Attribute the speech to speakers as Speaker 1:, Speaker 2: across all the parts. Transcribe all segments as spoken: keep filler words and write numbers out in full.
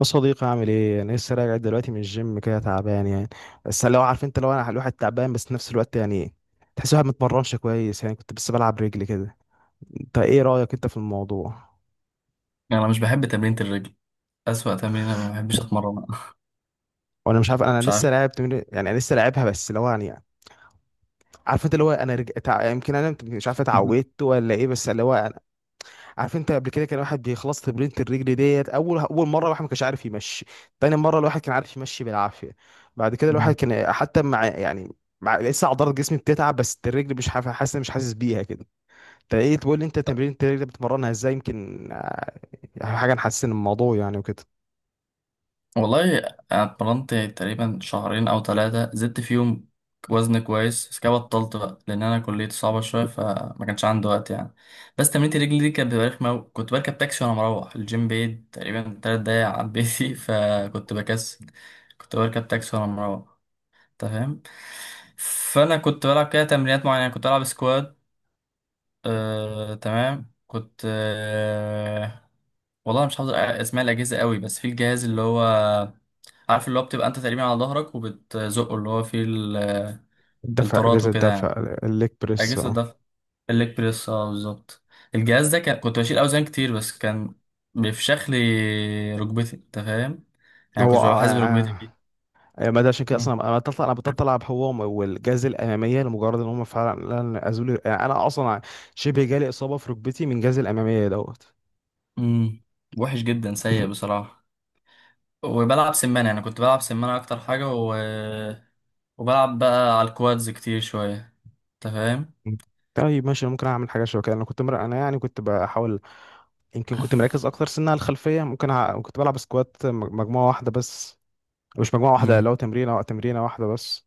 Speaker 1: يا صديقي، عامل ايه؟ انا لسه راجع دلوقتي من الجيم، كده تعبان يعني. بس لو عارف، انت لو انا الواحد تعبان بس في نفس الوقت يعني تحس الواحد متمرنش كويس. يعني كنت بس بلعب رجلي كده. انت ايه رايك انت في الموضوع؟
Speaker 2: يعني انا مش بحب تمرينة الرجل. اسوأ تمرينة ما بحبش اتمرنها.
Speaker 1: وانا مش عارف، انا
Speaker 2: مش عارف.
Speaker 1: لسه لاعب تمرين يعني. انا لسه لاعبها بس اللي هو يعني. عارف انت اللي هو انا رج... تع... يمكن انا مت- مش عارف اتعودت ولا ايه، بس اللي هو. عارف انت قبل كده كان واحد بيخلص تمرينة الرجل ديت، اول اول مره الواحد ما كانش عارف يمشي. تاني مره الواحد كان عارف يمشي بالعافيه. بعد كده الواحد كان حتى مع يعني، مع لسه عضلات جسمي بتتعب، بس الرجل مش حاف- حاسس مش حاسس بيها كده. انت ايه تقول لي؟ انت تمرين الرجل بتمرنها ازاي يمكن؟ يعني حاجه نحسن الموضوع يعني وكده.
Speaker 2: والله انا اتمرنت تقريبا شهرين او ثلاثة زدت فيهم وزن كويس، بس كده بطلت بقى لان انا كليتي صعبة شوية فما كانش عندي وقت يعني. بس تمرينة الرجل دي كانت بتبقى رخمة أوي. كنت بركب تاكسي وانا مروح الجيم بعيد تقريبا تلات دقايق عن بيتي، فكنت بكسل. كنت بركب تاكسي وانا مروح، انت فاهم؟ فانا كنت بلعب كده تمرينات معينة، كنت بلعب سكوات. آه، تمام، كنت آه، والله مش حافظ اسماء الاجهزه قوي، بس في الجهاز اللي هو عارف، اللي هو بتبقى انت تقريبا على ظهرك وبتزقه، اللي هو فيه ال-
Speaker 1: الدفع
Speaker 2: الطارات
Speaker 1: اجازه
Speaker 2: وكده يعني،
Speaker 1: الدفع، الليج بريس،
Speaker 2: اجهزه
Speaker 1: اه.
Speaker 2: ده الليج بريس. اه بالظبط. الجهاز ده كان كنت بشيل اوزان كتير، بس كان بيفشخ لي ركبتي، انت فاهم؟ يعني
Speaker 1: هو،
Speaker 2: كنت ببقى
Speaker 1: آه،
Speaker 2: حاسس
Speaker 1: آه،
Speaker 2: بركبتي
Speaker 1: آه،
Speaker 2: فيه.
Speaker 1: يعني ما ده عشان كده
Speaker 2: مم.
Speaker 1: اصلا انا بطلع، انا بطلع العب هو والجاز الاماميه، لمجرد ان هم فعلا ازولي يعني. انا اصلا شبه جالي اصابه في ركبتي من جاز الاماميه دوت.
Speaker 2: مم. وحش جدا، سيء بصراحه. وبلعب سمان، يعني كنت بلعب سمان اكتر حاجه، وبلعب بقى على الكوادز كتير شوية. انت فاهم؟
Speaker 1: مم. طيب ماشي، أنا ممكن اعمل حاجه شبه كده. انا كنت مر... انا يعني كنت بحاول. يمكن كنت مركز اكتر سنه على الخلفيه. ممكن ع... كنت بلعب سكوات مج- مجموعه واحده بس. مش مجموعه واحده،
Speaker 2: امم
Speaker 1: لو تمرينه تمرينه واحده بس.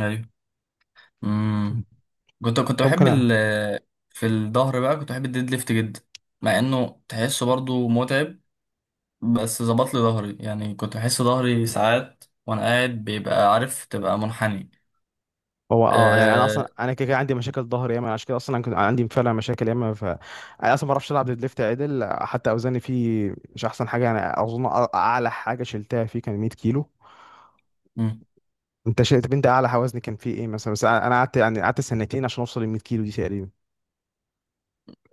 Speaker 2: ايوه. امم كنت كنت
Speaker 1: ممكن
Speaker 2: بحب
Speaker 1: أ...
Speaker 2: ال في الظهر بقى كنت بحب الديد ليفت جدا، مع انه تحسه برضو متعب، بس ظبط لي ظهري. يعني كنت بحس ظهري ساعات وانا قاعد بيبقى عارف تبقى منحني.
Speaker 1: هو اه يعني انا
Speaker 2: أه...
Speaker 1: اصلا، انا كده كده عندي مشاكل ظهر ياما. عشان كده اصلا انا كنت عندي فعلا مشاكل ياما، ف انا اصلا ما بعرفش العب ديد ليفت عدل. حتى اوزاني فيه مش احسن حاجه يعني. اظن أ- اعلى حاجه شلتها فيه كان 100 كيلو.
Speaker 2: مم.
Speaker 1: انت شلت طب انت اعلى وزن كان فيه ايه مثلا؟ بس انا أنا قعدت، يعني قعدت سنتين عشان اوصل ل 100 كيلو دي تقريبا.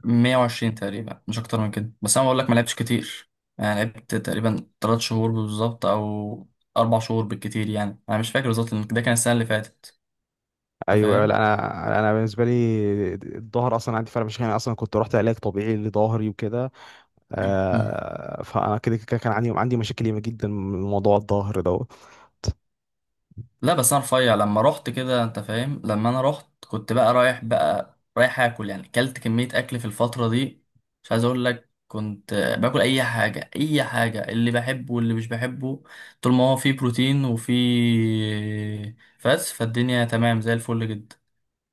Speaker 2: مية وعشرين تقريبا، مش اكتر من كده. بس انا بقول لك ما لعبتش كتير، يعني لعبت تقريبا 3 شهور بالظبط او اربع شهور بالكتير، يعني انا مش فاكر بالظبط لأن ده كان السنة اللي فاتت. انت
Speaker 1: ايوه، أيوة، لا.
Speaker 2: فاهم؟
Speaker 1: انا انا بالنسبه لي، الظهر اصلا عندي فرق، مش يعني. اصلا كنت رحت علاج طبيعي لظهري وكده.
Speaker 2: مم.
Speaker 1: آه فانا كده كده كان عندي عندي مشاكل ياما جدا من موضوع الظهر ده.
Speaker 2: لا بس انا رفيع لما رحت كده، انت فاهم؟ لما انا رحت كنت بقى رايح بقى رايح اكل، يعني اكلت كمية اكل في الفترة دي. مش عايز اقول لك كنت باكل اي حاجة اي حاجة، اللي بحبه واللي مش بحبه، طول ما هو فيه بروتين وفيه، فاس فالدنيا تمام زي الفل جدا.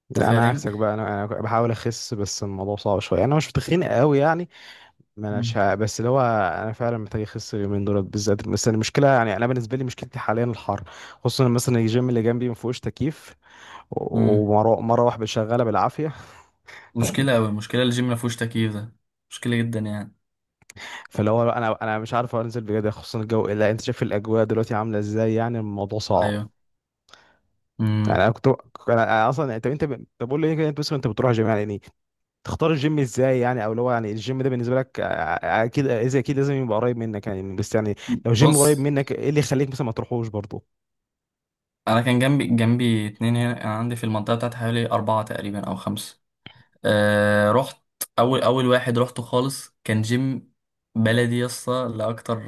Speaker 2: انت
Speaker 1: لا انا
Speaker 2: فاهم؟
Speaker 1: عكسك بقى، انا انا بحاول اخس بس الموضوع صعب شويه، انا مش تخين قوي يعني. ما انا
Speaker 2: مم.
Speaker 1: شا... بس اللي هو انا فعلا محتاج اخس اليومين دول بالذات. بس المشكله يعني، انا بالنسبه لي مشكلتي حاليا الحر. خصوصا مثلا الجيم اللي جنبي ما فيهوش تكييف،
Speaker 2: مم.
Speaker 1: ومره مره واحده شغاله بالعافيه.
Speaker 2: مشكلة اوي، مشكلة الجيم ما فيهوش تكييف ده مشكلة جدا يعني.
Speaker 1: فاللي هو انا انا مش عارف انزل بجد، خصوصا الجو. الا انت شايف الاجواء دلوقتي عامله ازاي؟ يعني الموضوع صعب.
Speaker 2: ايوه. مم.
Speaker 1: يعني انا كنت انا أنا اصلا، طب انت ب... طب قول لي كده. انت مثلا، انت بتروح جيم يعني إيه؟ تختار الجيم ازاي يعني؟ او اللي هو يعني الجيم ده بالنسبه لك آه، آه، اكيد، اذا اكيد لازم يبقى قريب منك يعني. بس يعني لو جيم قريب
Speaker 2: بص،
Speaker 1: منك، ايه اللي يخليك مثلا ما تروحوش برضه؟
Speaker 2: انا كان جنبي جنبي اتنين هنا، كان عندي في المنطقه بتاعتي حوالي اربعه تقريبا او خمسه. أه رحت. اول اول واحد رحته خالص كان جيم بلدي يسطا لاكتر،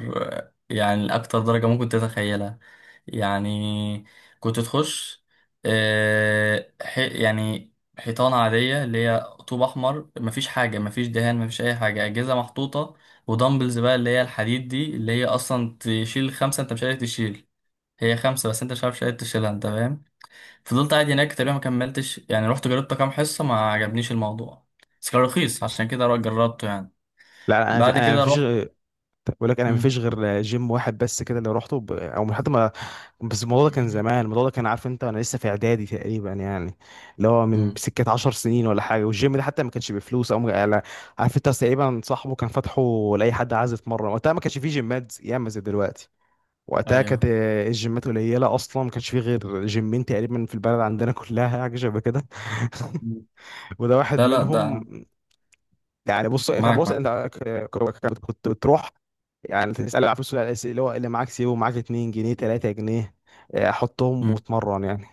Speaker 2: يعني لاكتر درجه ممكن تتخيلها. يعني كنت تخش، أه ح- يعني حيطانه عاديه اللي هي طوب احمر، مفيش حاجه، مفيش دهان، مفيش اي حاجه، اجهزه محطوطه، ودمبلز بقى اللي هي الحديد دي اللي هي اصلا تشيل خمسه انت مش قادر تشيل. هي خمسة بس انت مش عارف شايل تشيلها، انت فاهم؟ فضلت قاعد هناك تقريبا، ما كملتش يعني، رحت جربت كام حصة ما عجبنيش الموضوع، بس كان رخيص عشان كده رو- جربته يعني.
Speaker 1: لا انا
Speaker 2: بعد
Speaker 1: انا
Speaker 2: كده
Speaker 1: مفيش.
Speaker 2: رحت.
Speaker 1: طب بقول لك انا
Speaker 2: مم.
Speaker 1: مفيش غير جيم واحد بس كده، اللي روحته ب... او من حتى ما. بس الموضوع ده كان زمان. الموضوع ده كان، عارف انت، وانا لسه في اعدادي تقريبا يعني. اللي هو من
Speaker 2: مم.
Speaker 1: سكه 10 سنين ولا حاجه. والجيم ده حتى ما كانش بفلوس او على، عارف انت، تقريبا صاحبه كان فاتحه لاي حد عايز يتمرن. وقتها ما كانش فيه جيمات ياما زي دلوقتي. وقتها كانت
Speaker 2: ايوه.
Speaker 1: الجيمات قليله اصلا. ما كانش فيه غير جيمين تقريبا في البلد عندنا كلها، حاجه شبه كده. وده واحد
Speaker 2: لا لا
Speaker 1: منهم.
Speaker 2: ده
Speaker 1: يعني بص، كان
Speaker 2: معاك
Speaker 1: بص
Speaker 2: معاك.
Speaker 1: انت ك- ك- كنت بتروح يعني. تسأل على فلوس الأس- اللي هو اللي معاك، سيبه معاك، اتنين جنيه تلات جنيه، آه، حطهم
Speaker 2: مم.
Speaker 1: واتمرن يعني.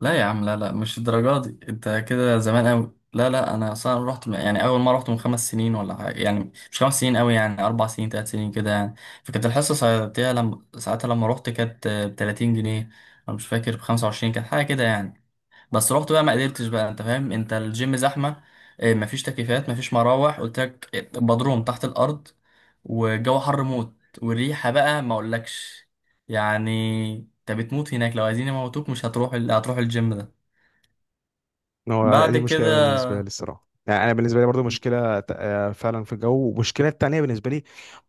Speaker 2: لا يا عم، لا لا مش الدرجة دي، انت كده زمان قوي. لا لا انا اصلا رحت من- يعني اول مرة رحت من خمس سنين ولا حاجة، يعني مش خمس سنين قوي، يعني اربع سنين ثلاث سنين كده يعني. فكانت الحصة ساعتها لما ساعتها لما رحت كانت ب تلاتين جنيه. انا مش فاكر، ب خمسة وعشرين كانت حاجة كده يعني. بس رحت بقى ما قدرتش بقى، انت فاهم؟ انت الجيم زحمه، آه، مفيش تكييفات، مفيش مراوح، قلت لك بدروم تحت الارض، والجو حر موت، والريحه بقى ما اقولكش. يعني انت بتموت هناك، لو عايزين يموتوك مش هتروح ال... هتروح الجيم ده.
Speaker 1: هو
Speaker 2: بعد
Speaker 1: دي مشكلة
Speaker 2: كده،
Speaker 1: بالنسبة لي الصراحة يعني. أنا بالنسبة لي برضو مشكلة ت- آه، فعلا في الجو. والمشكلة التانية بالنسبة لي،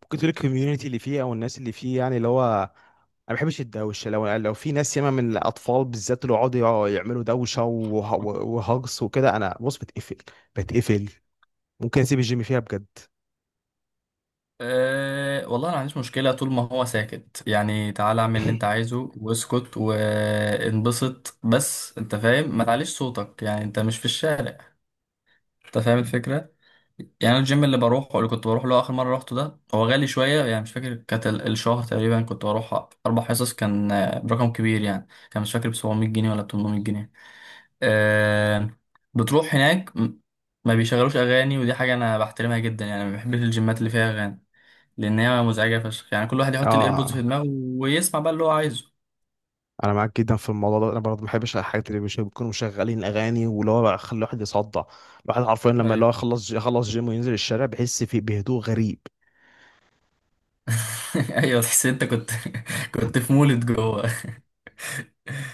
Speaker 1: ممكن تقول الكوميونتي اللي فيه أو الناس اللي فيه. يعني اللي هو أنا ما بحبش الدوشة. لو لو في ناس ياما، من الأطفال بالذات، اللي يقعدوا يعملوا دوشة وه- وهجص وكده، أنا، بص، بتقفل بتقفل ممكن أسيب الجيم فيها بجد.
Speaker 2: أه والله انا ما عنديش مشكله، طول ما هو ساكت يعني، تعالى اعمل اللي انت عايزه واسكت وانبسط، بس انت فاهم، ما تعليش صوتك، يعني انت مش في الشارع. انت فاهم الفكره؟ يعني أنا الجيم اللي بروحه، اللي كنت بروح له اخر مره روحته ده، هو غالي شويه يعني، مش فاكر كانت ال- الشهر تقريبا كنت بروح اربع حصص، كان آه، برقم كبير يعني، كان مش فاكر، ب سبعمية جنيه ولا ثمانمئة جنيه. آه. بتروح هناك م- ما بيشغلوش اغاني، ودي حاجه انا بحترمها جدا يعني، ما بحبش الجيمات اللي فيها اغاني لان هي مزعجه فشخ يعني. كل واحد يحط الايربودز في
Speaker 1: اه،
Speaker 2: دماغه ويسمع بقى اللي هو عايزه.
Speaker 1: انا معاك جدا في الموضوع ده. انا برضه ما بحبش الحاجات اللي مش بيكونوا مشغلين اغاني، واللي هو يخلي الواحد يصدع. الواحد حرفيا لما اللي
Speaker 2: ايوه.
Speaker 1: هو يخلص يخلص جيم وينزل الشارع بيحس في بهدوء غريب.
Speaker 2: ايوه، تحس إن انت كنت، كنت في مولد جوه.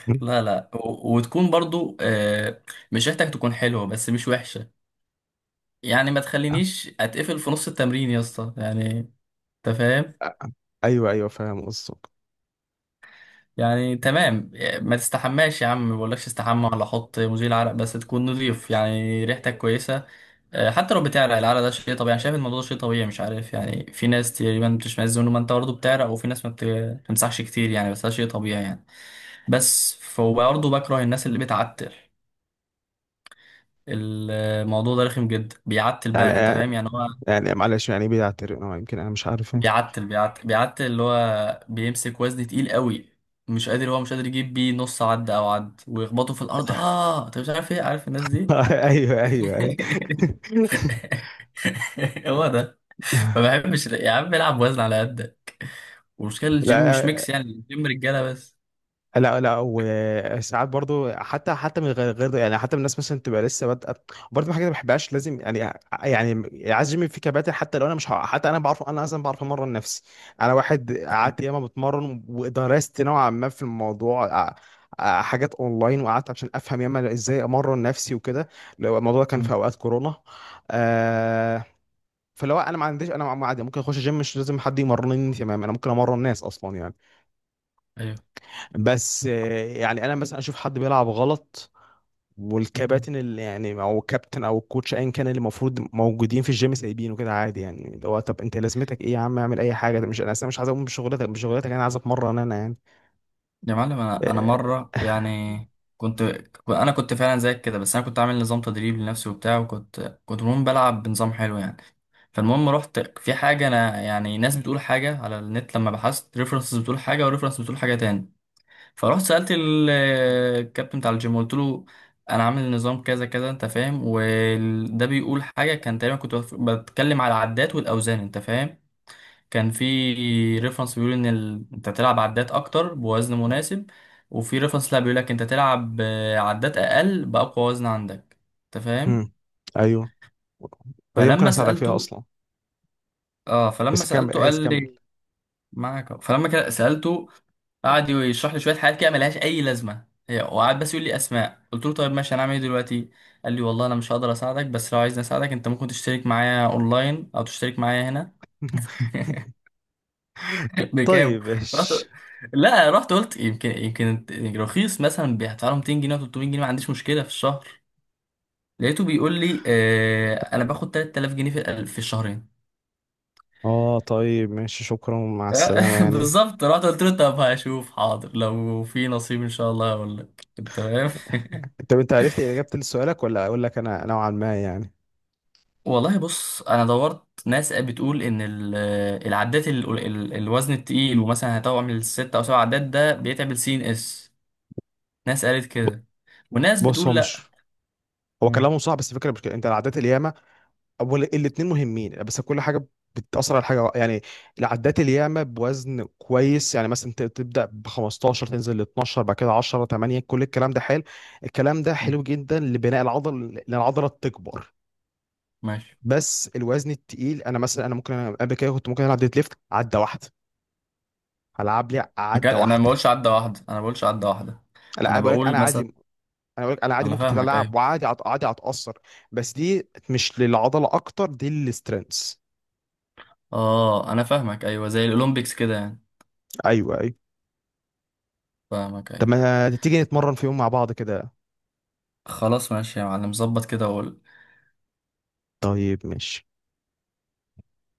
Speaker 1: مم.
Speaker 2: لا لا و- وتكون برضو آه، مش ريحتك تكون حلوة بس مش وحشة. يعني ما تخلينيش اتقفل في نص التمرين يا اسطى يعني، انت فاهم؟
Speaker 1: ايوه، ايوه، فاهم قصدك.
Speaker 2: يعني تمام، ما تستحماش يا عم، ما بقولكش استحمى ولا حط مزيل عرق، بس تكون نظيف يعني ريحتك كويسة. آه، حتى لو بتعرق العرق ده شيء طبيعي. انا شايف الموضوع ده شيء طبيعي، مش عارف يعني، في ناس تقريبا بتشمئز منه، ما انت برضه بتعرق، وفي ناس ما بت- ما بتمسحش كتير يعني، بس ده شيء طبيعي يعني. بس فبرضه بكره الناس اللي بتعتر، الموضوع ده رخم جدا. بيعتل
Speaker 1: يعني
Speaker 2: بقى، انت فاهم يعني هو،
Speaker 1: يعني معلش، يعني ايه بيعترف؟ أه، يمكن انا مش عارف إيه.
Speaker 2: بيعتل بيعتل بيعتل اللي هو بيمسك وزن تقيل قوي مش قادر، هو مش قادر يجيب بيه نص عد او عد ويخبطه في الارض. اه انت مش عارف ايه، عارف الناس دي.
Speaker 1: ايوه، ايوه، ايوه.
Speaker 2: هو ده. ما بحبش يا عم العب وزن على قدك. والمشكله الجيم مش ميكس،
Speaker 1: لا،
Speaker 2: يعني الجيم رجاله بس.
Speaker 1: لا، لا، وساعات برضو حتى حتى من غير غير يعني. حتى من الناس مثلا تبقى لسه بادئه برضو، من حاجه ما بحبهاش. لازم يعني، يعني عايز جيم في كباتن. حتى لو انا مش ه- حتى انا بعرف، انا اصلا بعرف امرن نفسي. انا واحد
Speaker 2: طبعا.
Speaker 1: قعدت ياما بتمرن، ودرست نوعا ما في الموضوع ع- ع- حاجات اونلاين. وقعدت عشان افهم ياما ازاي امرن نفسي وكده. لو الموضوع ده كان في
Speaker 2: مم.
Speaker 1: اوقات كورونا، آه فلو انا ما عنديش، انا عادي ممكن اخش جيم، مش لازم حد يمرنني، تمام. انا ممكن امرن ناس اصلا يعني.
Speaker 2: ايوه.
Speaker 1: بس آه، يعني انا مثلا اشوف حد بيلعب غلط، والكباتن اللي يعني، او الكابتن او الكوتش ايا كان، اللي المفروض موجودين في الجيم، سايبينه كده عادي يعني. اللي هو طب انت لازمتك ايه يا عم؟ اعمل اي حاجه. ده مش، انا اصلا مش عايز اقوم بشغلتك بشغلتك انا عايز اتمرن انا يعني.
Speaker 2: يا معلم، انا انا
Speaker 1: آه،
Speaker 2: مره يعني كنت ك- انا كنت فعلا زيك كده، بس انا كنت عامل نظام تدريب لنفسي وبتاع، وكنت كنت المهم بلعب بنظام حلو يعني. فالمهم رحت في حاجه، انا يعني ناس بتقول حاجه على النت لما بحثت، ريفرنسز بتقول حاجه وريفرنس بتقول حاجه تاني. فرحت سالت ال- الكابتن بتاع الجيم، قلت له انا عامل نظام كذا كذا، انت فاهم، وده بيقول حاجه، كان تقريبا كنت بتكلم على العدات والاوزان، انت فاهم؟ كان في ريفرنس بيقول ان ال... انت تلعب عدات اكتر بوزن مناسب، وفي ريفرنس لا بيقول لك انت تلعب، آه، عدات اقل باقوى وزن عندك، انت
Speaker 1: مم.
Speaker 2: فاهم؟
Speaker 1: ايوه، ودي ممكن
Speaker 2: فلما
Speaker 1: اساعدك فيها
Speaker 2: سالته،
Speaker 1: اصلا.
Speaker 2: اه فلما
Speaker 1: بس
Speaker 2: سالته
Speaker 1: كمل،
Speaker 2: قال
Speaker 1: بس كمل.
Speaker 2: لي معاك أهو. فلما كده سالته قعد يشرح لي شويه حاجات كده ملهاش اي لازمه هي، وقعد بس يقول لي اسماء. قلت له طيب ماشي، هنعمل ايه دلوقتي؟ قال لي والله انا مش هقدر اساعدك، بس لو عايزني اساعدك انت ممكن تشترك معايا اونلاين او تشترك معايا هنا. بكام؟
Speaker 1: طيب
Speaker 2: رحت،
Speaker 1: ماشي.
Speaker 2: لا رحت قلت يمكن يمكن رخيص مثلا، هدفع له ميتين جنيه أو تلتمية جنيه ما عنديش مشكله في الشهر. لقيته بيقول لي آه انا باخد تلات آلاف جنيه في ال- في الشهرين.
Speaker 1: اه، طيب ماشي، شكرا، مع السلامه يعني.
Speaker 2: بالظبط. رحت قلت له طب هشوف، حاضر لو في نصيب ان شاء الله هقول لك. تمام.
Speaker 1: طب انت عرفت اجابه لسؤالك، ولا اقول لك انا نوعا ما يعني؟
Speaker 2: والله بص، انا دورت ناس بتقول ان ال- العداد، ال- ال- الوزن التقيل ومثلا هتعمل ست او سبع عدات ده بيتعب السي ان اس. ناس قالت
Speaker 1: ب-
Speaker 2: كده، وناس
Speaker 1: بص، هو
Speaker 2: بتقول
Speaker 1: مش
Speaker 2: لا.
Speaker 1: هو
Speaker 2: مم.
Speaker 1: كلامه صح، بس الفكره مش كده. انت العادات الياما، اول الاثنين مهمين، بس كل حاجه بتاثر على حاجه يعني. العدات الياما بوزن كويس، يعني مثلا ت- تبدا ب خمستاشر تنزل ل اتناشر بعد كده عشرة تمانية. كل الكلام ده حلو. الكلام ده
Speaker 2: مم.
Speaker 1: حلو جدا لبناء العضل، لان العضله تكبر.
Speaker 2: ماشي.
Speaker 1: بس الوزن التقيل، انا مثلا، انا ممكن انا قبل كده كنت ممكن العب ديد ليفت عده واحده. العب لي
Speaker 2: مكان
Speaker 1: عده
Speaker 2: انا ما
Speaker 1: واحده.
Speaker 2: بقولش عدى واحده، انا ما بقولش عدى واحده.
Speaker 1: لا، انا
Speaker 2: انا
Speaker 1: بقول لك انا
Speaker 2: بقول
Speaker 1: عادي
Speaker 2: مثلا.
Speaker 1: انا بقول لك انا عادي
Speaker 2: انا
Speaker 1: ممكن
Speaker 2: فاهمك
Speaker 1: تتلعب،
Speaker 2: ايوه.
Speaker 1: وعادي هت- عادي هتاثر. بس دي مش للعضله اكتر، دي للسترينث.
Speaker 2: اه انا فاهمك ايوه، زي الاولمبيكس كده يعني.
Speaker 1: ايوه، ايوه.
Speaker 2: فاهمك
Speaker 1: طب
Speaker 2: ايوه.
Speaker 1: ما تيجي نتمرن في يوم مع بعض كده؟
Speaker 2: خلاص ماشي يا معلم، ظبط كده، وقول.
Speaker 1: طيب ماشي.